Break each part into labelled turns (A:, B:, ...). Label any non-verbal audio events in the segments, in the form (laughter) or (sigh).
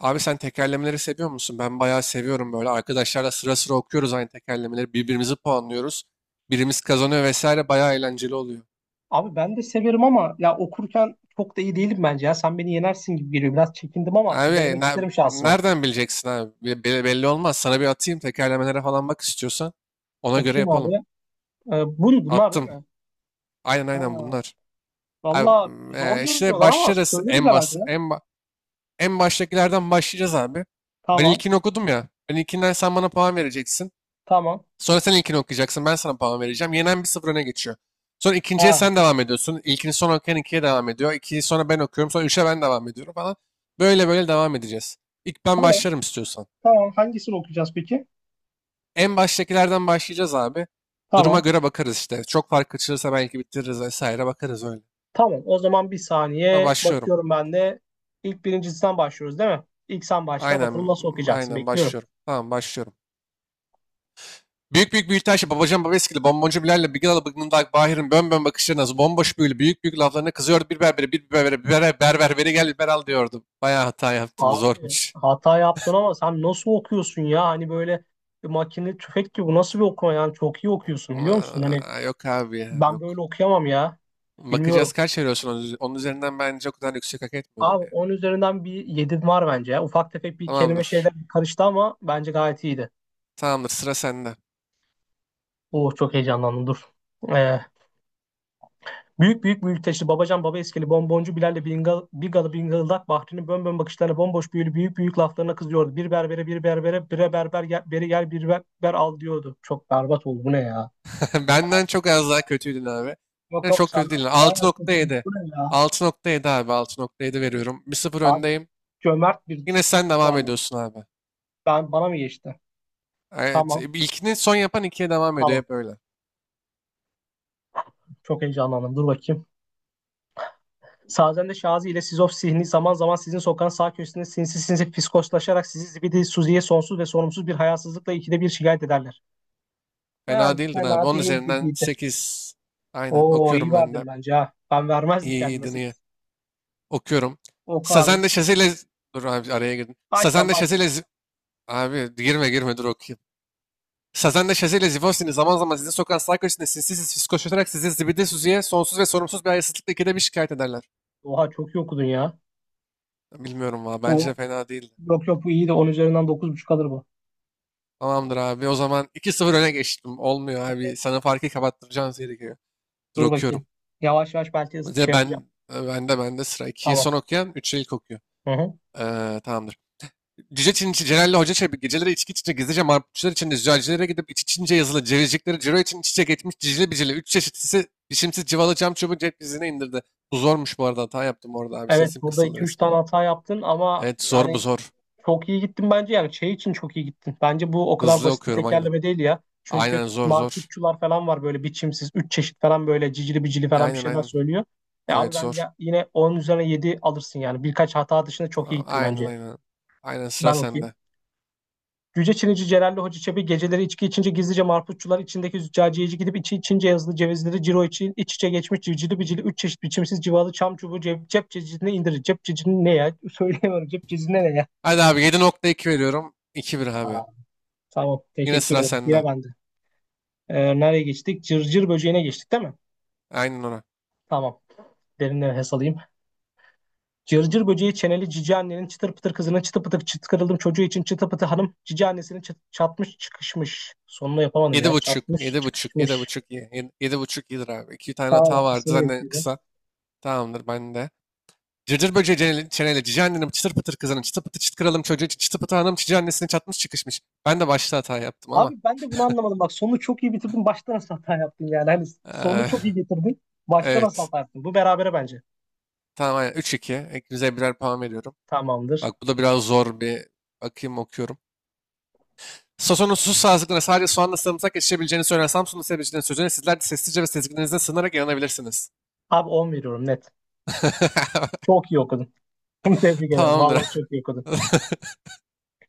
A: Abi sen tekerlemeleri seviyor musun? Ben bayağı seviyorum böyle. Arkadaşlarla sıra sıra okuyoruz aynı tekerlemeleri. Birbirimizi puanlıyoruz. Birimiz kazanıyor vesaire. Bayağı eğlenceli oluyor.
B: Abi ben de severim ama ya okurken çok da iyi değilim bence ya. Sen beni yenersin gibi geliyor. Biraz çekindim ama bir
A: Abi
B: denemek
A: ne-
B: isterim şansımı.
A: nereden bileceksin abi? Belli olmaz. Sana bir atayım tekerlemelere falan bak istiyorsan. Ona göre
B: Bakayım abi.
A: yapalım.
B: Bunlar değil
A: Attım.
B: mi?
A: Aynen aynen
B: Ha.
A: bunlar. Abi,
B: Valla zor
A: işte
B: görünüyorlar ama
A: başlarız
B: söyleriz
A: en bas
B: herhalde.
A: en ba- en baştakilerden başlayacağız abi. Ben
B: Tamam.
A: ilkini okudum ya. Ben ilkinden sen bana puan vereceksin.
B: Tamam.
A: Sonra sen ilkini okuyacaksın. Ben sana puan vereceğim. Yenen bir 0 öne geçiyor. Sonra ikinciye sen
B: Ha.
A: devam ediyorsun. İlkini son okuyan ikiye devam ediyor. İkiyi sonra ben okuyorum. Sonra üçe ben devam ediyorum falan. Böyle böyle devam edeceğiz. İlk ben
B: Tamam.
A: başlarım istiyorsan.
B: Tamam. Hangisini okuyacağız peki?
A: En baştakilerden başlayacağız abi. Duruma
B: Tamam.
A: göre bakarız işte. Çok fark açılırsa belki bitiririz vesaire bakarız öyle.
B: Tamam. O zaman bir
A: Tamam
B: saniye.
A: başlıyorum.
B: Bakıyorum ben de. İlk birincisinden başlıyoruz değil mi? İlk sen başla.
A: Aynen
B: Bakalım nasıl okuyacaksın.
A: aynen
B: Bekliyorum.
A: başlıyorum. Tamam başlıyorum. Büyük büyük büyütaş babacan babeskili bomboncu Bilal'le Bigalı bıgnındak Bahir'in bön bön bakışlarına bomboş büyülü büyük büyük laflarına kızıyordu, bir berbere bir berbere bir berbere berber veri gel liberal diyordu. Bayağı hata yaptım,
B: Abi
A: zormuş.
B: hata yaptın ama sen nasıl okuyorsun ya? Hani böyle makine tüfek gibi, bu nasıl bir okuma yani, çok iyi okuyorsun biliyor musun? Hani
A: Aa, yok abi ya,
B: ben
A: yok.
B: böyle okuyamam ya.
A: Bakacağız
B: Bilmiyorum.
A: kaç veriyorsun onun üzerinden, bence o kadar yüksek hak etmiyordum
B: Abi
A: yani.
B: 10 üzerinden bir 7 var bence ya. Ufak tefek bir kelime şeyler
A: Tamamdır.
B: karıştı ama bence gayet iyiydi.
A: Tamamdır, sıra sende.
B: Oh, çok heyecanlandım, dur. Ee, büyük büyük büyük teşli babacan baba eskili bonboncu Bilal'le bingal, Bigalı bingıldak Bahri'nin bön bön bakışlarına bomboş büyülü büyük büyük laflarına kızıyordu. Bir berbere bir berbere bire berber gel, beri gel bir berber al diyordu. Çok berbat oldu, bu ne ya?
A: (laughs) Benden çok az daha kötüydün abi.
B: Yok
A: Yani
B: yok,
A: çok kötü
B: senden
A: değil. altı
B: bayağı kötü
A: nokta
B: bir
A: yedi
B: süre ya.
A: 6,7 abi, 6,7 veriyorum. 1 sıfır
B: Abi,
A: öndeyim.
B: cömert bir
A: Yine sen devam
B: puan oldu.
A: ediyorsun abi.
B: Bana mı geçti?
A: Evet,
B: Tamam.
A: ilkini son yapan ikiye devam ediyor
B: Tamam.
A: hep öyle.
B: Çok heyecanlandım. Dur bakayım. Sazende Şazi ile Sizof Sihni zaman zaman sizin sokağın sağ köşesinde sinsi sinsi fiskoslaşarak sizi zibidi Suzi'ye sonsuz ve sorumsuz bir hayasızlıkla ikide bir şikayet ederler. Yani
A: Fena değildin abi.
B: fena
A: 10
B: değil
A: üzerinden
B: gibiydi.
A: 8. Aynen
B: Oo, iyi
A: okuyorum ben de.
B: verdim bence ha. Ben vermezdim
A: İyi,
B: kendime
A: iyiydin, iyi.
B: sekiz.
A: Okuyorum.
B: Oku abi.
A: Sazen de Şazel'e... Dur abi, araya girdim. Sazen
B: Baştan
A: de
B: baş.
A: Şazel'e... Abi girme girme, dur okuyayım. Sazen de Şazel'e Zivostin'i zaman zaman size sokan sarkoçine sinsiz fiskoşlatarak sizi zibidi suziye sonsuz ve sorumsuz bir hayasızlıkla ikide bir şikayet ederler.
B: Oha, çok iyi okudun ya.
A: Bilmiyorum valla, bence de
B: Bu
A: fena değildi.
B: yok yok, bu iyiydi. On üzerinden dokuz buçuk alır bu.
A: Tamamdır abi, o zaman 2-0 öne geçtim. Olmuyor abi, sana farkı kapattıracağım gerekiyor. Dur
B: Dur
A: okuyorum.
B: bakayım. Yavaş yavaş belki şey
A: Mesela
B: yapacağım.
A: ben de sıra 2'yi
B: Tamam.
A: son okuyan 3'e ilk okuyor.
B: Hı hı.
A: Tamamdır. Cüce Çinçi Celal'le Hoca Çebi geceleri içki içince gizlice marputçular içinde züccacilere gidip iç içince yazılı cevizcikleri ciro için iç içe geçmiş cicili bicili. Üç çeşitlisi biçimsiz cıvalı cam çubuğu cep dizine indirdi. Bu zormuş, bu arada hata yaptım orada abi,
B: Evet,
A: sesim
B: burada
A: kısıldı
B: iki üç
A: resmen.
B: tane hata yaptın ama
A: Evet zor, bu
B: yani
A: zor.
B: çok iyi gittin bence, yani şey için çok iyi gittin. Bence bu o kadar
A: Hızlı
B: basit bir
A: okuyorum, aynen.
B: tekerleme değil ya. Çünkü
A: Aynen, zor zor.
B: marputçular falan var, böyle biçimsiz 3 çeşit falan, böyle cicili bicili falan bir
A: Aynen
B: şeyler
A: aynen.
B: söylüyor. Abi
A: Evet,
B: ben
A: zor.
B: ya, yine 10 üzerine 7 alırsın yani, birkaç hata dışında çok iyi
A: Tamam,
B: gittin
A: aynen
B: bence.
A: aynen. Aynen, sıra
B: Ben okey.
A: sende.
B: Cüce Çinici Celalli Hoca Çebi geceleri içki içince gizlice marputçular içindeki züccaciyeci gidip içi içince yazılı cevizleri ciro içi iç içe geçmiş civcili bicili üç çeşit biçimsiz civalı çam çubuğu cep, cep cecine indirir. Cep cecine ne ya? (laughs) Söyleyemiyorum. Cep cecine ne ya?
A: Hadi abi, 7,2 veriyorum. 2-1 abi.
B: Aa, tamam.
A: Yine
B: Teşekkür
A: sıra
B: ederim. Yine
A: sende.
B: bende. Nereye geçtik? Cırcır böceğine geçtik değil mi?
A: Aynen, ona.
B: Tamam. Derinden nefes alayım. Cırcır böceği çeneli cici annenin çıtır pıtır kızının çıtı pıtır çıtkırıldım çocuğu için çıtı pıtı hanım cici annesinin çatmış çıkışmış. Sonunu yapamadım
A: Yedi
B: ya.
A: buçuk,
B: Çatmış
A: yedi buçuk, yedi
B: çıkışmış.
A: buçuk, yedi, yedi buçuk iyidir abi. İki tane
B: Tamam
A: hata
B: abi,
A: vardı
B: seni
A: zaten,
B: bekliyorum.
A: kısa. Tamamdır ben de. Cırcır böceği çeneli cici annenin çıtır pıtır kızının çıtı pıtı çıt kralım çocuğu çıtı pıtı hanım cici annesini çatmış çıkışmış. Ben de başta hata yaptım ama.
B: Abi, ben de bunu anlamadım. Bak, sonu çok iyi bitirdin. Başta nasıl hata yaptın yani? Hani sonu
A: eee,
B: çok iyi
A: (laughs)
B: getirdin. Başta nasıl
A: evet.
B: hata yaptın? Bu berabere bence.
A: Tamam, aynen, 3-2. İkinize birer puan veriyorum.
B: Tamamdır.
A: Bak bu da biraz zor bir, bakayım okuyorum. Sason'un su sazlıklarına sadece soğanla sarımsak yetişebileceğini söyleyen Samsunlu sebecilerin sözüne sizler de sessizce ve sezgilerinize sığınarak inanabilirsiniz.
B: Abi, 10 veriyorum net.
A: (laughs)
B: Çok iyi okudun. (laughs) Tebrik ederim.
A: Tamamdır.
B: Vallahi çok iyi okudun.
A: (laughs)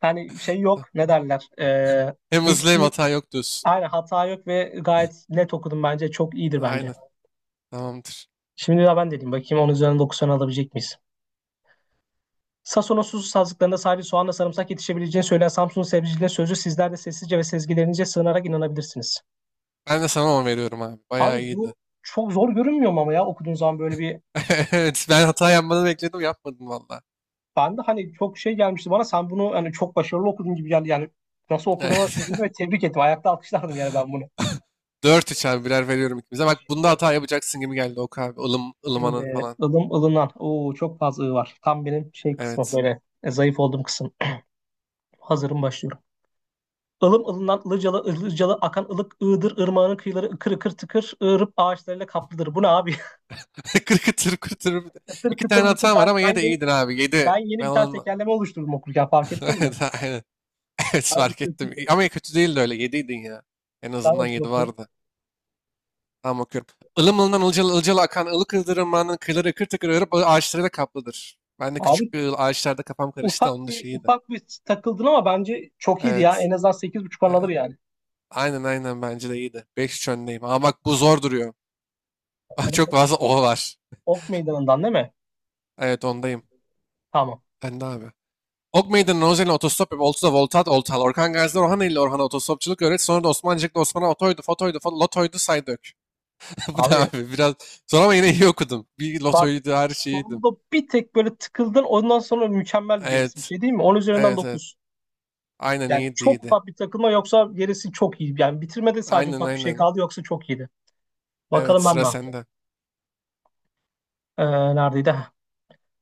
B: Hani şey yok. Ne derler?
A: Hem hızlı hem
B: Hiçbir,
A: hata yok diyorsun.
B: aynen, hata yok ve gayet net okudun bence. Çok iyidir bence.
A: Aynen. Tamamdır.
B: Şimdi daha ben dedim. Bakayım, onun üzerinden 9 tane alabilecek miyiz? Sason'un susuz sazlıklarında sadece soğanla sarımsak yetişebileceğini söyleyen Samsun'un sebzeciliğinin sözü sizler de sessizce ve sezgilerinize sığınarak inanabilirsiniz.
A: Ben de sana 10 veriyorum abi. Bayağı
B: Abi
A: iyiydi.
B: bu çok zor görünmüyor mu ama ya, okuduğun zaman böyle bir,
A: (laughs) Evet. Ben hata yapmanı bekledim. Yapmadım valla.
B: ben de hani çok şey gelmişti bana, sen bunu hani çok başarılı okudun gibi geldi yani, nasıl okuduğuna
A: Evet.
B: şaşırdım ve tebrik ettim, ayakta alkışlardım yani ben bunu.
A: (laughs) Dört 3 abi. Birer veriyorum ikimize. Bak bunda
B: Şimdi,
A: hata yapacaksın gibi geldi o abi. Ilım, ılımanın
B: şimdi
A: falan.
B: ılım ılınan, Oo, çok fazla ı var, tam benim şey kısmı,
A: Evet.
B: böyle zayıf olduğum kısım. Hazırım, başlıyorum. Ilım ılınan ılıcalı ılıcalı akan ılık ığdır ırmağının kıyıları ıkır ıkır tıkır ığırıp ağaçlarıyla kaplıdır. Bu ne abi?
A: (laughs) Kırkıtır kırtır bir de.
B: (laughs) Kıtır
A: İki
B: kıtır
A: tane
B: mıtır,
A: hatan var ama yine de iyiydin abi.
B: ben
A: Yedi. Ben
B: yeni bir tane
A: onun...
B: tekerleme oluşturdum, okurken fark
A: (laughs)
B: ettin mi?
A: Evet, aynen. Evet,
B: Abi
A: fark ettim.
B: kötüydü.
A: Ama kötü değildi öyle. 7'ydin ya. En azından
B: Tamam.
A: 7 vardı. Tamam okuyorum. Ilım ılından ılcalı ılcalı akan ılık ırmakların kıyıları ıkır tıkır örüp ağaçları da kaplıdır. Ben de
B: Abi,
A: küçük bir ağaçlarda kafam karıştı da
B: ufak
A: onun da
B: bir
A: şeyiydi.
B: ufak bir takıldın ama bence çok iyiydi ya.
A: Evet.
B: En azından 8,5 buçuk alır
A: Evet.
B: yani.
A: Aynen aynen, bence de iyiydi. Beş 3 öndeyim. Ama bak bu zor duruyor. (laughs) Bak
B: Bakalım,
A: çok fazla o var.
B: Ok Meydanı'ndan değil mi?
A: Evet, ondayım.
B: Tamam.
A: Ben de abi. Ok Meydanı Nozel'in otostop ve Oltu'da Voltat Oltal. Orkan Gazi'de Orhan ile Orhan'a otostopçuluk öğret. Sonra da Osmancık'ta Osman'a otoydu, fotoydu, lotoydu, saydök. (laughs) Bu da
B: Abi
A: abi biraz zor ama yine iyi okudum. Bir
B: bak,
A: lotoydu her şeyiydim.
B: sonunda bir tek böyle tıkıldın, ondan sonra mükemmel, gerisi bir
A: Evet.
B: şey değil mi? 10 üzerinden
A: Evet evet.
B: 9.
A: Aynen,
B: Yani
A: iyiydi
B: çok
A: iyiydi.
B: ufak bir takılma, yoksa gerisi çok iyi. Yani bitirmede sadece
A: Aynen
B: ufak bir şey
A: aynen.
B: kaldı, yoksa çok iyiydi.
A: Evet,
B: Bakalım ben
A: sıra
B: ne yapacağım.
A: sende.
B: Ee, neredeydi?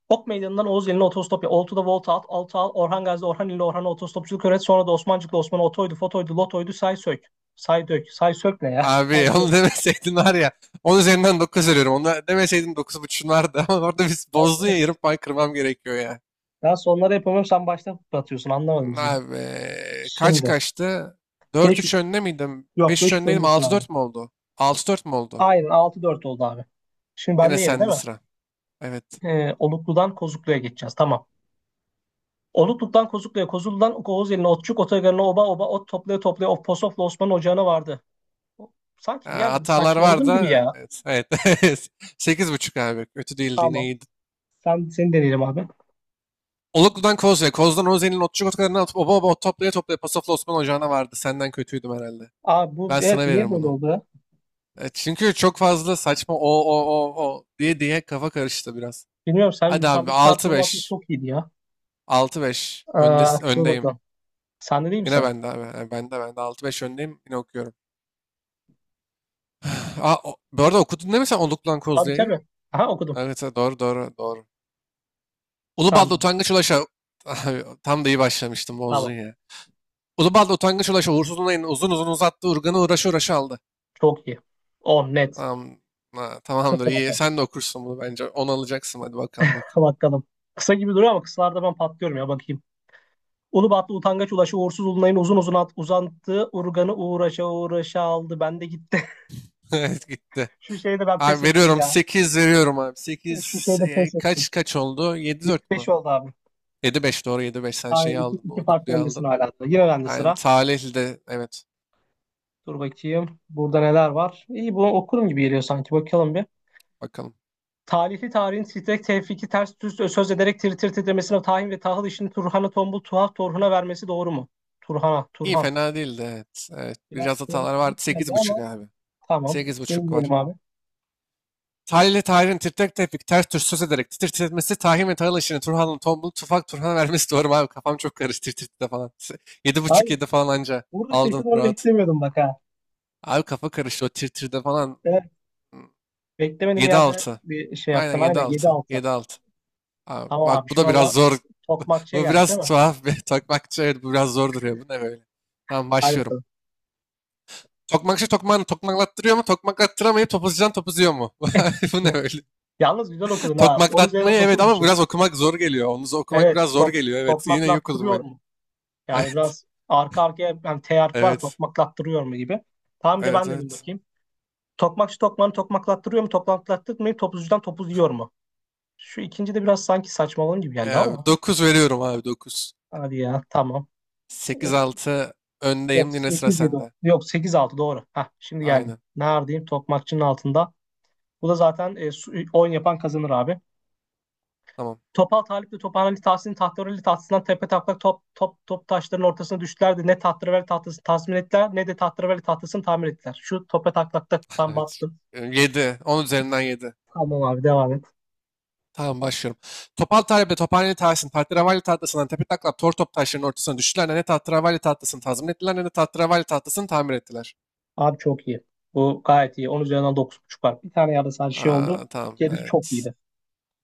B: Ok Meydanı'ndan Oğuz Yeni'ne otostop ya. Oltu'da Volta at, Altı al, Orhan Gazi, Orhan İlli, Orhan'a otostopçuluk öğret. Sonra da Osmancıklı Osman'a otoydu, fotoydu, lotoydu, say sök. Say dök. Say sök ne ya? (laughs) Say
A: Abi onu (laughs)
B: dök.
A: demeseydin var ya. 10 üzerinden 9 veriyorum. Onu demeseydin 9,5'un vardı. (laughs) Ama orada biz bozdun
B: Allah,
A: ya, yarım puan kırmam gerekiyor ya.
B: sonları yapamıyorum. Sen baştan atıyorsun. Anlamadım bizi.
A: Abi kaç
B: Şimdi.
A: kaçtı? Dört
B: Beş
A: üç
B: 3.
A: önde miydim?
B: Yok,
A: 5-3
B: beş 3
A: öndeydim.
B: öndesin
A: Altı
B: abi.
A: dört mü oldu? 6-4 mü oldu?
B: Aynen, altı dört oldu abi. Şimdi
A: Yine
B: bende yeri değil
A: sende
B: mi?
A: sıra. Evet.
B: Oluklu'dan Kozuklu'ya geçeceğiz. Tamam. Oluklu'dan Kozuklu'ya, Kozuklu'dan Oğuz Oğuzeli'ne, Otçuk, Otogarı'na, Oba Oba, Ot toplaya toplaya, Of Posof'la Osman Ocağı'na vardı. Sanki bir
A: Ha,
B: yerde bir
A: hatalar var
B: saçmaladım gibi
A: da.
B: ya.
A: Evet. Evet. (laughs) Sekiz buçuk abi. Kötü değildi. Yine
B: Tamam.
A: iyiydi.
B: Seni deneyelim abi.
A: Oluklu'dan Koz'ya, Koz'dan Oze'nin otçuk otlarını atıp oba oba ot toplaya toplaya Pasof'la Osman Ocağı'na vardı. Senden kötüydüm herhalde.
B: Abi bu,
A: Ben
B: evet,
A: sana
B: niye
A: veririm
B: böyle
A: bunu.
B: oldu ya?
A: Çünkü çok fazla saçma o o o o diye diye kafa karıştı biraz.
B: Bilmiyorum, sen,
A: Hadi abi
B: yukarıdaki
A: altı
B: performansın
A: beş,
B: çok iyiydi ya.
A: 6-5,
B: Aa, dur
A: öndeyim.
B: bakalım. Sende değil mi
A: Yine
B: sıra?
A: bende abi. Yani bende. 6-5 öndeyim. Yine okuyorum. (sighs) Aa, bu arada okudun değil mi sen, Oluklu'dan
B: Tabii
A: Kozlu'ya?
B: tabii. Aha, okudum.
A: Evet evet, doğru doğru doğru. Ulubatlı
B: Sende.
A: Utangaç Ulaş'a. (laughs) Abi, tam da iyi başlamıştım, bozdun
B: Tamam.
A: ya. Ulubal'da utangaç ulaşı uğursuz olayını uzun uzun uzattı. Urgan'ı uğraşı uğraşı aldı.
B: Çok iyi. 10 net.
A: Tamam. Ha, tamamdır,
B: Sıfır hata.
A: iyi.
B: (laughs)
A: Sen de okursun bunu bence. 10 alacaksın, hadi bakalım oku.
B: Bakalım. Kısa gibi duruyor ama kısalarda ben patlıyorum ya, bakayım. Ulubatlı utangaç ulaşı uğursuz ulunayın uzun uzun at, uzantığı urganı uğraşa uğraşa aldı. Ben de gitti.
A: (laughs) Evet, gitti.
B: (laughs) Şu şeyde ben pes
A: Abi
B: ettim
A: veriyorum,
B: ya.
A: 8 veriyorum abi.
B: Şu
A: 8,
B: şeyde pes ettim.
A: kaç kaç oldu? 7-4
B: 5
A: mü?
B: oldu abi.
A: 7-5, doğru, 7-5, sen
B: Aynen,
A: şeyi aldın.
B: iki farklı
A: Oluklu'yu
B: öndesin
A: aldın.
B: hala da. Yine bende
A: Yani
B: sıra.
A: Salihli de, evet,
B: Dur bakayım. Burada neler var? İyi, bunu okurum gibi geliyor sanki. Bakalım bir.
A: bakalım.
B: Talihli tarihin titrek tevfiki ters düz söz ederek tir tir titremesine tahin ve tahıl işini Turhan'a tombul tuhaf Torhun'a vermesi doğru mu? Turhan'a,
A: İyi,
B: Turhan.
A: fena değildi, evet. Evet.
B: Biraz
A: Biraz hatalar vardı.
B: kronolojik geldi
A: Sekiz
B: ama
A: buçuk abi.
B: tamam.
A: Sekiz
B: Senin
A: buçuk var.
B: diyelim abi.
A: Talih ile Tahir'in titrek tepik ters tür söz ederek titir titretmesi Tahir ve Tahir işini Turhan'ın tombul tufak Turhan'a vermesi doğru mu abi, kafam çok karıştı tir falan. Yedi buçuk,
B: Abi
A: yedi falan anca
B: burada
A: aldın
B: şaşırtmanı
A: rahat.
B: beklemiyordum bak ha.
A: Abi kafa karıştı o tir falan.
B: Evet, beklemedim
A: Yedi
B: yerde
A: altı.
B: bir şey
A: Aynen,
B: yaptın.
A: yedi
B: Aynen, yedi
A: altı.
B: altı.
A: 7-6. Abi
B: Tamam abi,
A: bak, bu
B: şu
A: da biraz
B: anda
A: zor. (laughs)
B: tokmakçıya
A: Bu
B: geldik
A: biraz
B: değil mi?
A: tuhaf bir tokmakçı, evet bu biraz zor duruyor. Bu ne böyle? Tamam
B: Hadi
A: başlıyorum.
B: bakalım.
A: Tokmakçı tokmağını tokmaklattırıyor mu? Tokmaklattıramayıp topuzcudan topuzuyor mu? (laughs) Bu ne
B: (laughs)
A: böyle?
B: Yalnız güzel okudun ha. 10
A: Tokmaklatmayı,
B: üzerinden
A: evet, ama
B: 9,5.
A: biraz okumak zor geliyor. Onu okumak
B: Evet,
A: biraz zor geliyor. Evet, yine yok oldum
B: tokmaklattırıyor
A: ben.
B: mu?
A: (laughs)
B: Yani
A: Evet.
B: biraz arka arkaya hani teyarp var ya,
A: Evet.
B: tokmaklattırıyor mu gibi. Tamam, bir de
A: Evet
B: ben dedim
A: evet.
B: bakayım. Tokmakçı tokmağını tokmaklattırıyor mu? Tokmaklattırmayıp topuzcudan topuz yiyor mu? Şu ikinci de biraz sanki saçmalığım gibi geldi
A: Yani
B: ama.
A: 9 veriyorum abi, 9.
B: Hadi ya, tamam.
A: 8-6
B: Yok,
A: öndeyim, yine sıra
B: sekiz yedi.
A: sende.
B: Yok, sekiz altı. Doğru. Hah, şimdi geldim.
A: Aynen.
B: Neredeyim? Tokmakçının altında. Bu da zaten oyun yapan kazanır abi.
A: Tamam.
B: Topal Talip de Tophaneli Tahsin Tahtareli tahtasından tepe taklak top taşların ortasına düştüler de ne Tahtareli tahtasını tazmin ettiler ne de Tahtareli tahtasını tamir ettiler. Şu tope taklakta
A: (laughs)
B: ben
A: Evet.
B: battım.
A: Yedi, 10 üzerinden yedi.
B: Tamam abi, devam et.
A: Tamam başlıyorum. Topal Talebe, Tophaneli Tahsin, Tahterevalli tahtasından tepe taklak tor top taşlarının ortasına düştüler. Ne tahterevalli tahtasını tazmin ettiler ne de tahterevalli tahtasını tamir ettiler.
B: Abi çok iyi. Bu gayet iyi. 10 üzerinden 9,5 var. Bir tane yerde sadece şey oldu.
A: Aa, tamam,
B: Gerisi çok
A: evet.
B: iyiydi.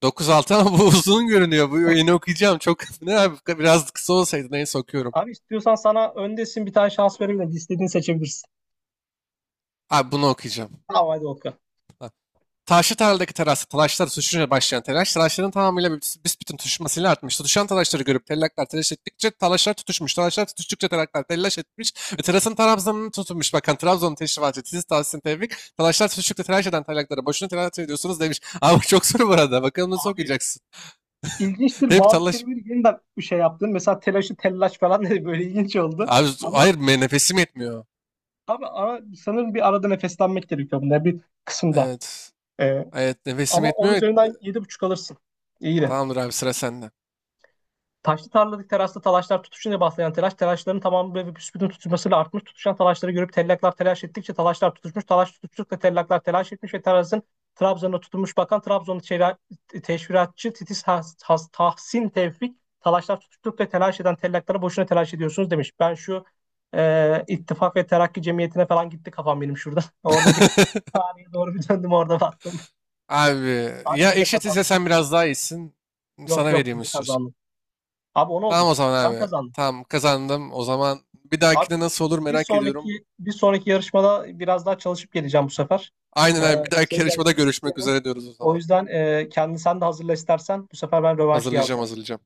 A: 9-6, ama bu (laughs) uzun görünüyor. Bu yeni okuyacağım. Çok (laughs) ne abi, biraz kısa olsaydı, neyse okuyorum.
B: Abi istiyorsan, sana öndesin, bir tane şans vereyim de seçebilirsin.
A: Abi bunu okuyacağım.
B: Tamam, hadi Okan.
A: Ha. Taşlı tarladaki terasta talaşlar suşunca başlayan telaş, talaşların tamamıyla büsbütün tutuşmasıyla artmıştı. Düşen talaşları görüp tellaklar telaş ettikçe talaşlar tutuşmuş. Talaşlar tutuştukça tellaklar telaş etmiş ve terasın Trabzon'unu tutunmuş. Bakın Trabzon'un teşrifatçı siz tavsiyen tevfik. Talaşlar tutuştukça telaş eden tellaklara boşuna telaş ediyorsunuz demiş. (laughs) Abi çok soru bu arada. Bakalım nasıl
B: Abi
A: okuyacaksın.
B: ilginçtir,
A: Hep
B: bazı
A: talaş...
B: kelimeleri yeniden bir şey yaptın. Mesela telaşı tellaş falan dedi, böyle ilginç oldu.
A: Abi
B: Ama
A: hayır nefesim yetmiyor.
B: abi ara, sanırım bir arada nefeslenmek gerekiyor bunda bir kısımda.
A: Evet.
B: Ee,
A: Evet, nefesim
B: ama 10
A: yetmiyor.
B: üzerinden yedi buçuk alırsın. İyi de.
A: Tamamdır abi, sıra sende.
B: Taşlı tarladık terasta talaşlar tutuşunca başlayan telaş, telaşların tamamı ve büsbütün tutuşmasıyla artmış. Tutuşan talaşları görüp tellaklar telaş ettikçe talaşlar tutuşmuş. Talaş tutuştukça tellaklar telaş etmiş ve terasın Trabzon'a tutunmuş, bakan Trabzonlu çela-, teşviratçı Titiz Has, Has-, Tahsin Tevfik, talaşlar tutuştukça telaş eden tellaklara boşuna telaş ediyorsunuz demiş. Ben şu İttifak ve Terakki Cemiyeti'ne falan gitti kafam benim şurada. (laughs) Orada bir,
A: (laughs)
B: tarihe doğru bir döndüm, orada baktım.
A: Abi
B: Abi
A: ya
B: burada
A: eşitiz ya,
B: kazandım.
A: sen biraz daha iyisin.
B: Yok
A: Sana
B: yok,
A: vereyim
B: burada
A: istiyorsun.
B: kazandım. Abi, o ne
A: Tamam
B: oldu?
A: o zaman
B: Sen
A: abi.
B: kazandın.
A: Tamam, kazandım. O zaman bir
B: Abi,
A: dahakine nasıl olur
B: bir
A: merak ediyorum.
B: sonraki bir sonraki yarışmada biraz daha çalışıp geleceğim bu sefer.
A: Aynen
B: Ee,
A: abi, bir dahaki
B: senin
A: yarışmada
B: geleceğini
A: görüşmek
B: düşünüyorum.
A: üzere diyoruz o
B: O
A: zaman.
B: yüzden kendini sen de hazırla istersen. Bu sefer ben rövanşıyı
A: Hazırlayacağım,
B: alacağım.
A: hazırlayacağım.